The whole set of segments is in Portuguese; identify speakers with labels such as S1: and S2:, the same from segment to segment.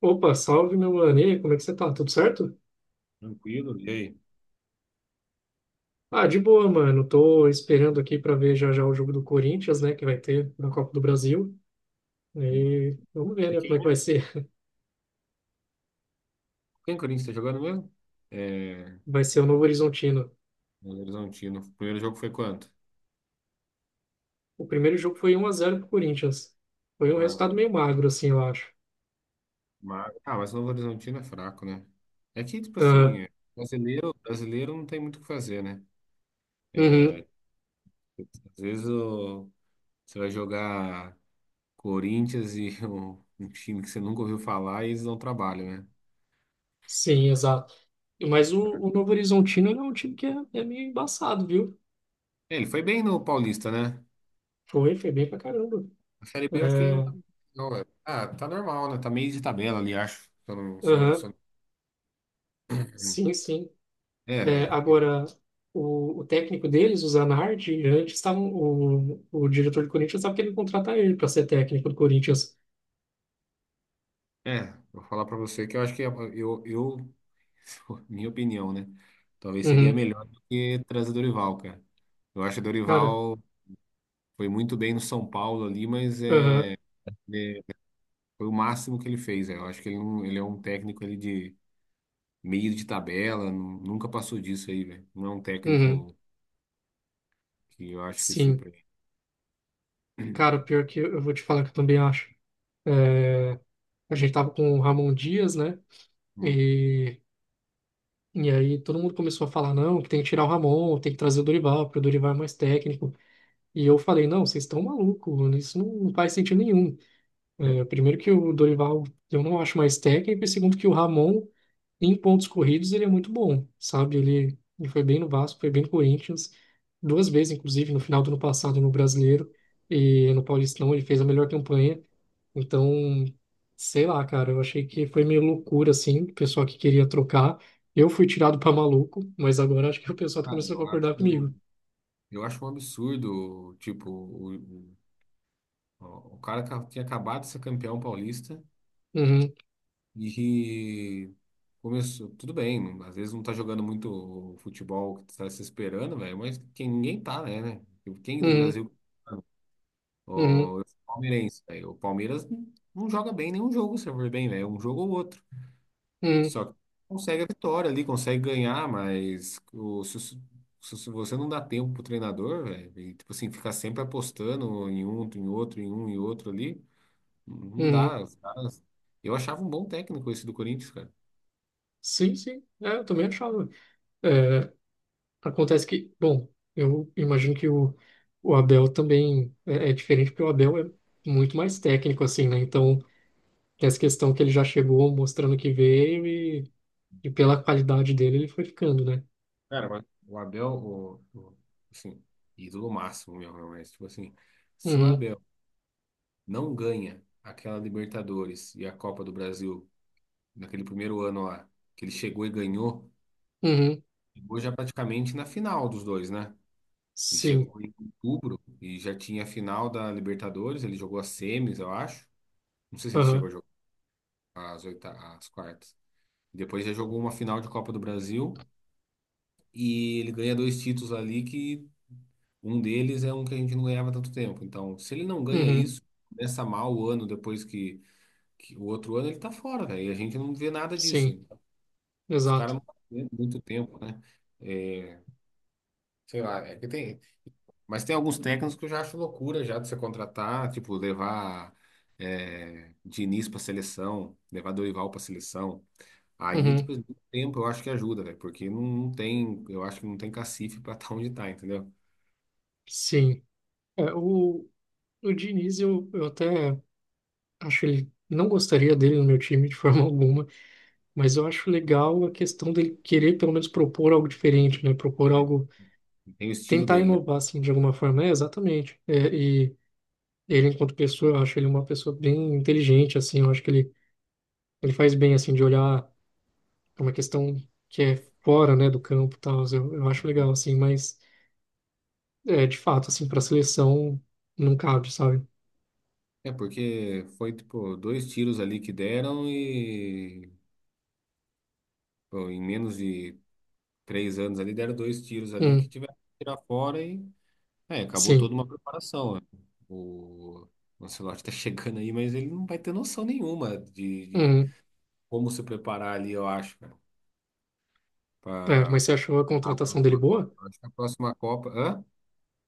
S1: Opa, salve meu mano. E aí, como é que você tá? Tudo certo?
S2: Tranquilo. E aí?
S1: Ah, de boa, mano. Tô esperando aqui pra ver já já o jogo do Corinthians, né, que vai ter na Copa do Brasil. E vamos ver,
S2: Você
S1: né, como
S2: quem,
S1: é que
S2: né?
S1: vai ser.
S2: Quem o Corinthians tá jogando mesmo? É,
S1: Vai ser o Novo Horizontino.
S2: Novo Horizontino. O primeiro jogo foi quanto?
S1: O primeiro jogo foi um a zero pro Corinthians. Foi um
S2: Ah,
S1: resultado meio magro, assim, eu acho.
S2: mas o Novo Horizontino é fraco, né? É que, tipo
S1: Ah,
S2: assim, é, brasileiro, brasileiro não tem muito o que fazer, né? É,
S1: uhum,
S2: às vezes você vai jogar Corinthians e um time que você nunca ouviu falar e eles não trabalham, né?
S1: sim, exato. Mas o Novo Horizontino ele é um time que é meio embaçado, viu?
S2: É, ele foi bem no Paulista, né?
S1: Foi, foi bem pra caramba.
S2: A Série B eu acho que ele não
S1: É,
S2: tá muito bem, não, é. Ah, tá normal, né? Tá meio de tabela ali, acho. Se eu não, se eu não,
S1: aham,
S2: se eu não-
S1: sim, sim. É,
S2: É,
S1: agora, o técnico deles, o Zanardi, antes estavam, o diretor do Corinthians estava querendo contratar ele para ser técnico do Corinthians.
S2: Vou falar pra você que eu acho que é, eu, eu, minha opinião, né? Talvez seria
S1: Uhum,
S2: melhor do que trazer o Dorival, cara. Eu acho que o
S1: cara,
S2: Dorival foi muito bem no São Paulo ali, mas
S1: aham,
S2: é, foi o máximo que ele fez. É. Eu acho que ele, não, ele é um técnico ali de meio de tabela, nunca passou disso aí, velho. Não é um
S1: uhum,
S2: técnico que eu acho que
S1: sim.
S2: surpreende.
S1: Cara, pior que eu vou te falar que eu também acho. É, a gente tava com o Ramon Dias, né?
S2: Hum.
S1: E, e aí todo mundo começou a falar, não, que tem que tirar o Ramon, tem que trazer o Dorival, porque o Dorival é mais técnico. E eu falei, não, vocês estão malucos, mano, isso não faz sentido nenhum. É, primeiro que o Dorival eu não acho mais técnico, e segundo que o Ramon, em pontos corridos, ele é muito bom, sabe? Ele foi bem no Vasco, foi bem no Corinthians, duas vezes, inclusive, no final do ano passado no Brasileiro e no Paulistão, ele fez a melhor campanha. Então, sei lá, cara, eu achei que foi meio loucura, assim, o pessoal que queria trocar. Eu fui tirado pra maluco, mas agora acho que o pessoal tá
S2: Ah,
S1: começando
S2: eu
S1: a
S2: acho,
S1: concordar comigo.
S2: eu acho um absurdo, tipo, o, o cara tinha acabado de ser campeão paulista.
S1: Uhum,
S2: E começou, tudo bem, às vezes não tá jogando muito o futebol que tu tá se esperando, velho, mas quem, ninguém tá, né? Tipo, quem do
S1: uhum,
S2: Brasil,
S1: uhum,
S2: ó, eu sou palmeirense, velho, o Palmeiras não joga bem nenhum jogo, se eu for bem, velho, um jogo ou outro.
S1: uhum,
S2: Só que consegue a vitória ali, consegue ganhar, mas se você não dá tempo pro treinador, velho, e, tipo assim, ficar sempre apostando em um, em outro, em um e outro ali, não
S1: uhum.
S2: dá. Eu achava um bom técnico esse do Corinthians, cara.
S1: Sim, sim, é, eu também achava. É, acontece que, bom, eu imagino que o Abel também é diferente, porque o Abel é muito mais técnico, assim, né? Então, tem essa questão que ele já chegou mostrando que veio e pela qualidade dele ele foi ficando, né?
S2: Cara, mas o Abel, assim, ídolo máximo mesmo, né? Mas tipo assim, se o
S1: Uhum,
S2: Abel não ganha aquela Libertadores e a Copa do Brasil naquele primeiro ano lá, que ele chegou e ganhou,
S1: uhum,
S2: chegou já praticamente na final dos dois, né? Ele
S1: sim,
S2: chegou em outubro e já tinha a final da Libertadores, ele jogou as semis, eu acho. Não sei se ele chegou
S1: aham,
S2: a jogar as quartas. Depois já jogou uma final de Copa do Brasil e ele ganha dois títulos ali que um deles é um que a gente não ganhava tanto tempo. Então, se ele não ganha
S1: uhum,
S2: isso, começa mal o ano depois que o outro ano ele tá fora, cara. E a gente não vê nada
S1: sim,
S2: disso. Os caras
S1: exato,
S2: não têm muito tempo, né? É, sei lá, é que tem. Mas tem alguns técnicos que eu já acho loucura já de você contratar, tipo, levar Diniz pra seleção, levar Dorival pra seleção. Aí,
S1: uhum,
S2: depois do tempo, eu acho que ajuda, velho, porque não tem, eu acho que não tem cacife pra estar tá onde tá, entendeu?
S1: sim. É, o Diniz, eu até acho ele, não gostaria dele no meu time de forma alguma, mas eu acho legal a questão dele querer pelo menos propor algo diferente, né? Propor algo,
S2: Tem o estilo
S1: tentar
S2: dele,
S1: inovar assim de alguma forma, é exatamente. É, e ele enquanto pessoa, eu acho ele uma pessoa bem inteligente assim, eu acho que ele faz bem assim de olhar pra uma questão que é fora, né, do campo, e tal. Eu acho
S2: né?
S1: legal assim, mas é de fato assim para seleção não cabe, sabe?
S2: É porque foi tipo dois tiros ali que deram e pô, em menos de três anos ali deram dois tiros ali que
S1: Hum,
S2: tiveram que tirar fora e é, acabou toda
S1: sim.
S2: uma preparação, né? O o Ancelotti tá chegando aí, mas ele não vai ter noção nenhuma de
S1: Hum,
S2: como se preparar ali, eu acho, cara,
S1: é,
S2: para
S1: mas você achou a
S2: a
S1: contratação dele
S2: próxima Copa.
S1: boa?
S2: Eu acho que a próxima Copa, hã?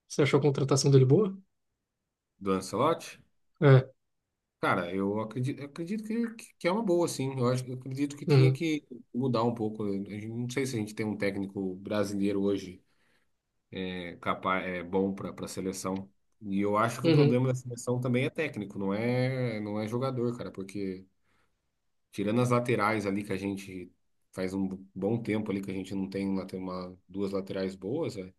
S1: Você achou a contratação dele boa?
S2: Do Ancelotti?
S1: É.
S2: Cara, eu acredito que, que é uma boa, sim. Eu acredito que tinha
S1: Uhum,
S2: que mudar um pouco. Não sei se a gente tem um técnico brasileiro hoje é, capaz, é bom para a seleção. E eu acho que o
S1: uhum,
S2: problema da seleção também é técnico, não é jogador, cara, porque tirando as laterais ali que a gente faz um bom tempo ali que a gente não tem lá tem uma duas laterais boas, é,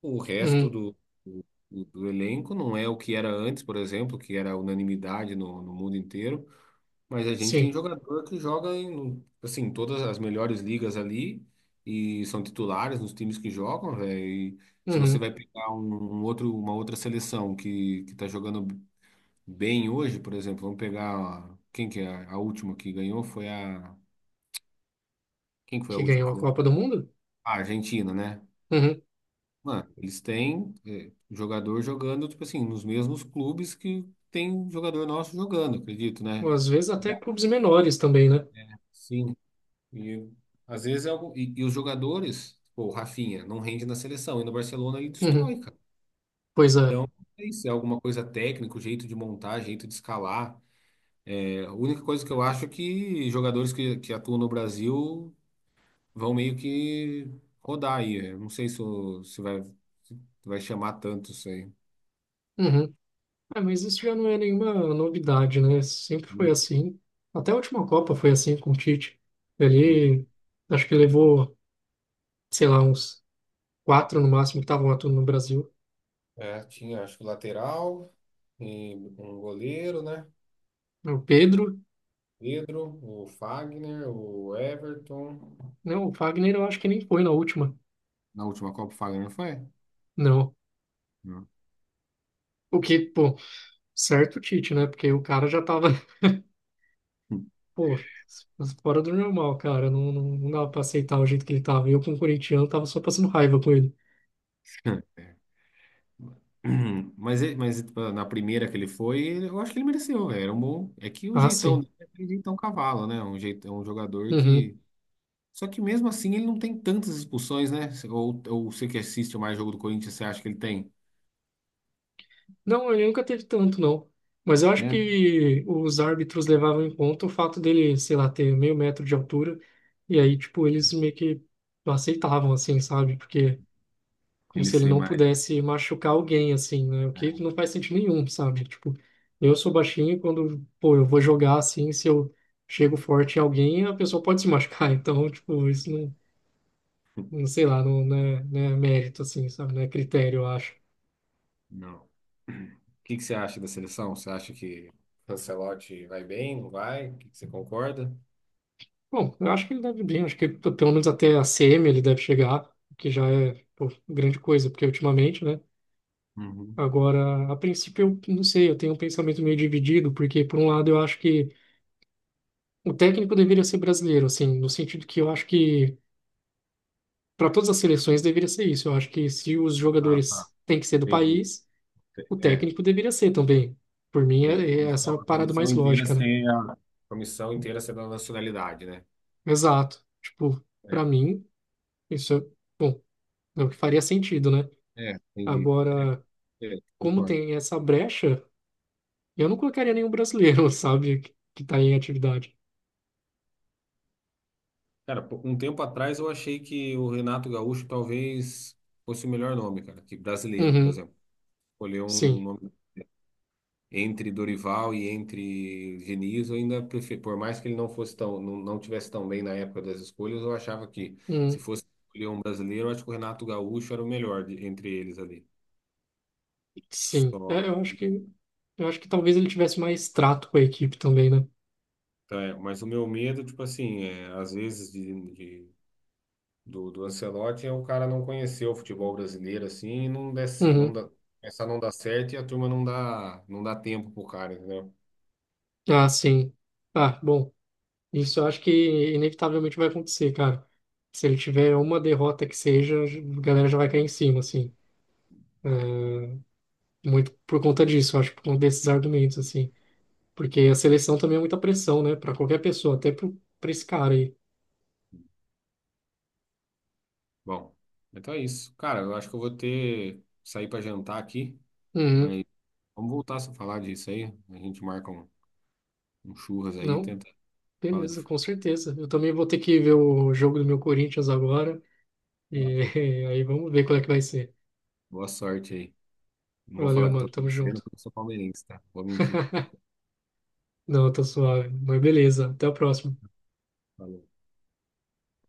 S2: o resto
S1: uhum,
S2: do, do elenco não é o que era antes, por exemplo, que era unanimidade no mundo inteiro. Mas a gente tem
S1: sim.
S2: jogador que joga em, assim, todas as melhores ligas ali e são titulares nos times que jogam, velho. E se você
S1: Uhum.
S2: vai pegar um outro, uma outra seleção que tá jogando bem hoje, por exemplo, vamos pegar quem que é a última que ganhou foi a quem que foi a
S1: Que
S2: última
S1: ganhou
S2: que
S1: a
S2: ganhou?
S1: Copa do Mundo?
S2: A Argentina, né?
S1: Uhum.
S2: Mano, eles têm eh, jogador jogando tipo assim nos mesmos clubes que tem jogador nosso jogando, acredito, né?
S1: Ou às vezes até clubes menores também, né?
S2: Sim, e às vezes é algo. E os jogadores, pô, o Rafinha, não rende na seleção, e no Barcelona ele
S1: Uhum.
S2: destrói, cara.
S1: Pois é.
S2: Então, é isso, é alguma coisa técnica, o jeito de montar, jeito de escalar. É, a única coisa que eu acho é que jogadores que atuam no Brasil vão meio que rodar aí. Eu não sei se vai chamar tanto isso aí.
S1: Uhum. É, mas isso já não é nenhuma novidade, né? Sempre foi
S2: Hum,
S1: assim. Até a última Copa foi assim com o Tite.
S2: hum.
S1: Ele, acho que levou, sei lá, uns quatro no máximo que estavam atuando no Brasil.
S2: É, tinha, acho que o lateral, e um goleiro, né?
S1: O Pedro,
S2: Pedro, o Fagner, o Everton.
S1: não, o Fagner eu acho que nem foi na última,
S2: Na última Copa, o Fagner não foi?
S1: não.
S2: Hum.
S1: O que, pô, certo o Tite, né? Porque o cara já tava, pô, fora do normal, cara. Não, dava pra aceitar o jeito que ele tava. Eu, como corintiano, tava só passando raiva com ele.
S2: É. Mas, mas tipo, na primeira que ele foi, eu acho que ele mereceu, velho. Era um bom. É que o
S1: Ah,
S2: jeitão
S1: sim.
S2: dele é aquele jeitão cavalo, né? Um jeitão, um jogador
S1: Uhum.
S2: que. Só que mesmo assim ele não tem tantas expulsões, né? Ou você que assiste mais jogo do Corinthians, você acha que ele tem,
S1: Não, ele nunca teve tanto, não. Mas eu acho
S2: né?
S1: que os árbitros levavam em conta o fato dele, sei lá, ter meio metro de altura. E aí, tipo, eles meio que não aceitavam, assim, sabe? Porque, como
S2: Ele
S1: se ele
S2: ser
S1: não
S2: mais.
S1: pudesse machucar alguém, assim, né? O que não faz sentido nenhum, sabe? Tipo, eu sou baixinho e quando, pô, eu vou jogar assim, se eu chego forte em alguém, a pessoa pode se machucar. Então, tipo, isso não, não sei lá, não é mérito, assim, sabe? Não é critério, eu acho.
S2: Não. O que que você acha da seleção? Você acha que o Ancelotti vai bem, não vai? O que que você concorda?
S1: Bom, eu acho que ele deve bem, acho que pelo menos até a CM ele deve chegar, o que já é, pô, grande coisa, porque ultimamente, né?
S2: Uhum.
S1: Agora, a princípio, eu não sei, eu tenho um pensamento meio dividido, porque por um lado eu acho que o técnico deveria ser brasileiro, assim, no sentido que eu acho que para todas as seleções deveria ser isso. Eu acho que se os
S2: Ah, tá.
S1: jogadores têm que ser do
S2: Entendi.
S1: país, o
S2: É,
S1: técnico deveria ser também. Por mim,
S2: A
S1: é essa a
S2: comissão,
S1: parada mais lógica, né?
S2: a comissão inteira ser da nacionalidade, né?
S1: Exato. Tipo,
S2: É,
S1: para mim, isso é, bom, é o que faria sentido, né?
S2: é, entendi.
S1: Agora, como
S2: Concordo.
S1: tem essa brecha, eu não colocaria nenhum brasileiro, sabe, que, tá em atividade.
S2: Cara, pô, um tempo atrás eu achei que o Renato Gaúcho talvez fosse o melhor nome, cara, que brasileiro, por
S1: Uhum,
S2: exemplo. Escolher um
S1: sim,
S2: nome entre Dorival e entre Diniz, eu ainda prefiro, por mais que ele não fosse tão, não tivesse tão bem na época das escolhas, eu achava que se
S1: Uhum,
S2: fosse escolher um brasileiro, eu acho que o Renato Gaúcho era o melhor entre eles ali.
S1: sim.
S2: Só
S1: É, eu acho que talvez ele tivesse mais trato com a equipe também, né?
S2: Tá, é, mas o meu medo, tipo assim, é, às vezes do Ancelotti é o cara não conhecer o futebol brasileiro assim e não der, não
S1: Uhum.
S2: dá, essa não dá certo e a turma não dá, não dá tempo pro cara, entendeu?
S1: Ah, sim. Ah, bom, isso eu acho que inevitavelmente vai acontecer, cara. Se ele tiver uma derrota que seja, a galera já vai cair em cima, assim. É, muito por conta disso, eu acho, por conta desses argumentos, assim. Porque a seleção também é muita pressão, né, pra qualquer pessoa, até pro, pra esse cara aí.
S2: Bom, então é isso. Cara, eu acho que eu vou ter sair pra jantar aqui,
S1: Uhum.
S2: mas vamos voltar a falar disso aí. A gente marca um churras aí,
S1: Não,
S2: tenta fala de
S1: beleza, com certeza. Eu também vou ter que ver o jogo do meu Corinthians agora. E
S2: futebol.
S1: aí vamos ver qual é que vai ser.
S2: Boa sorte aí. Não vou
S1: Valeu,
S2: falar que eu tô
S1: mano. Tamo
S2: torcendo
S1: junto.
S2: porque eu sou palmeirense, tá? Vou mentir.
S1: Não, tá suave. Mas beleza. Até a próxima.
S2: Valeu.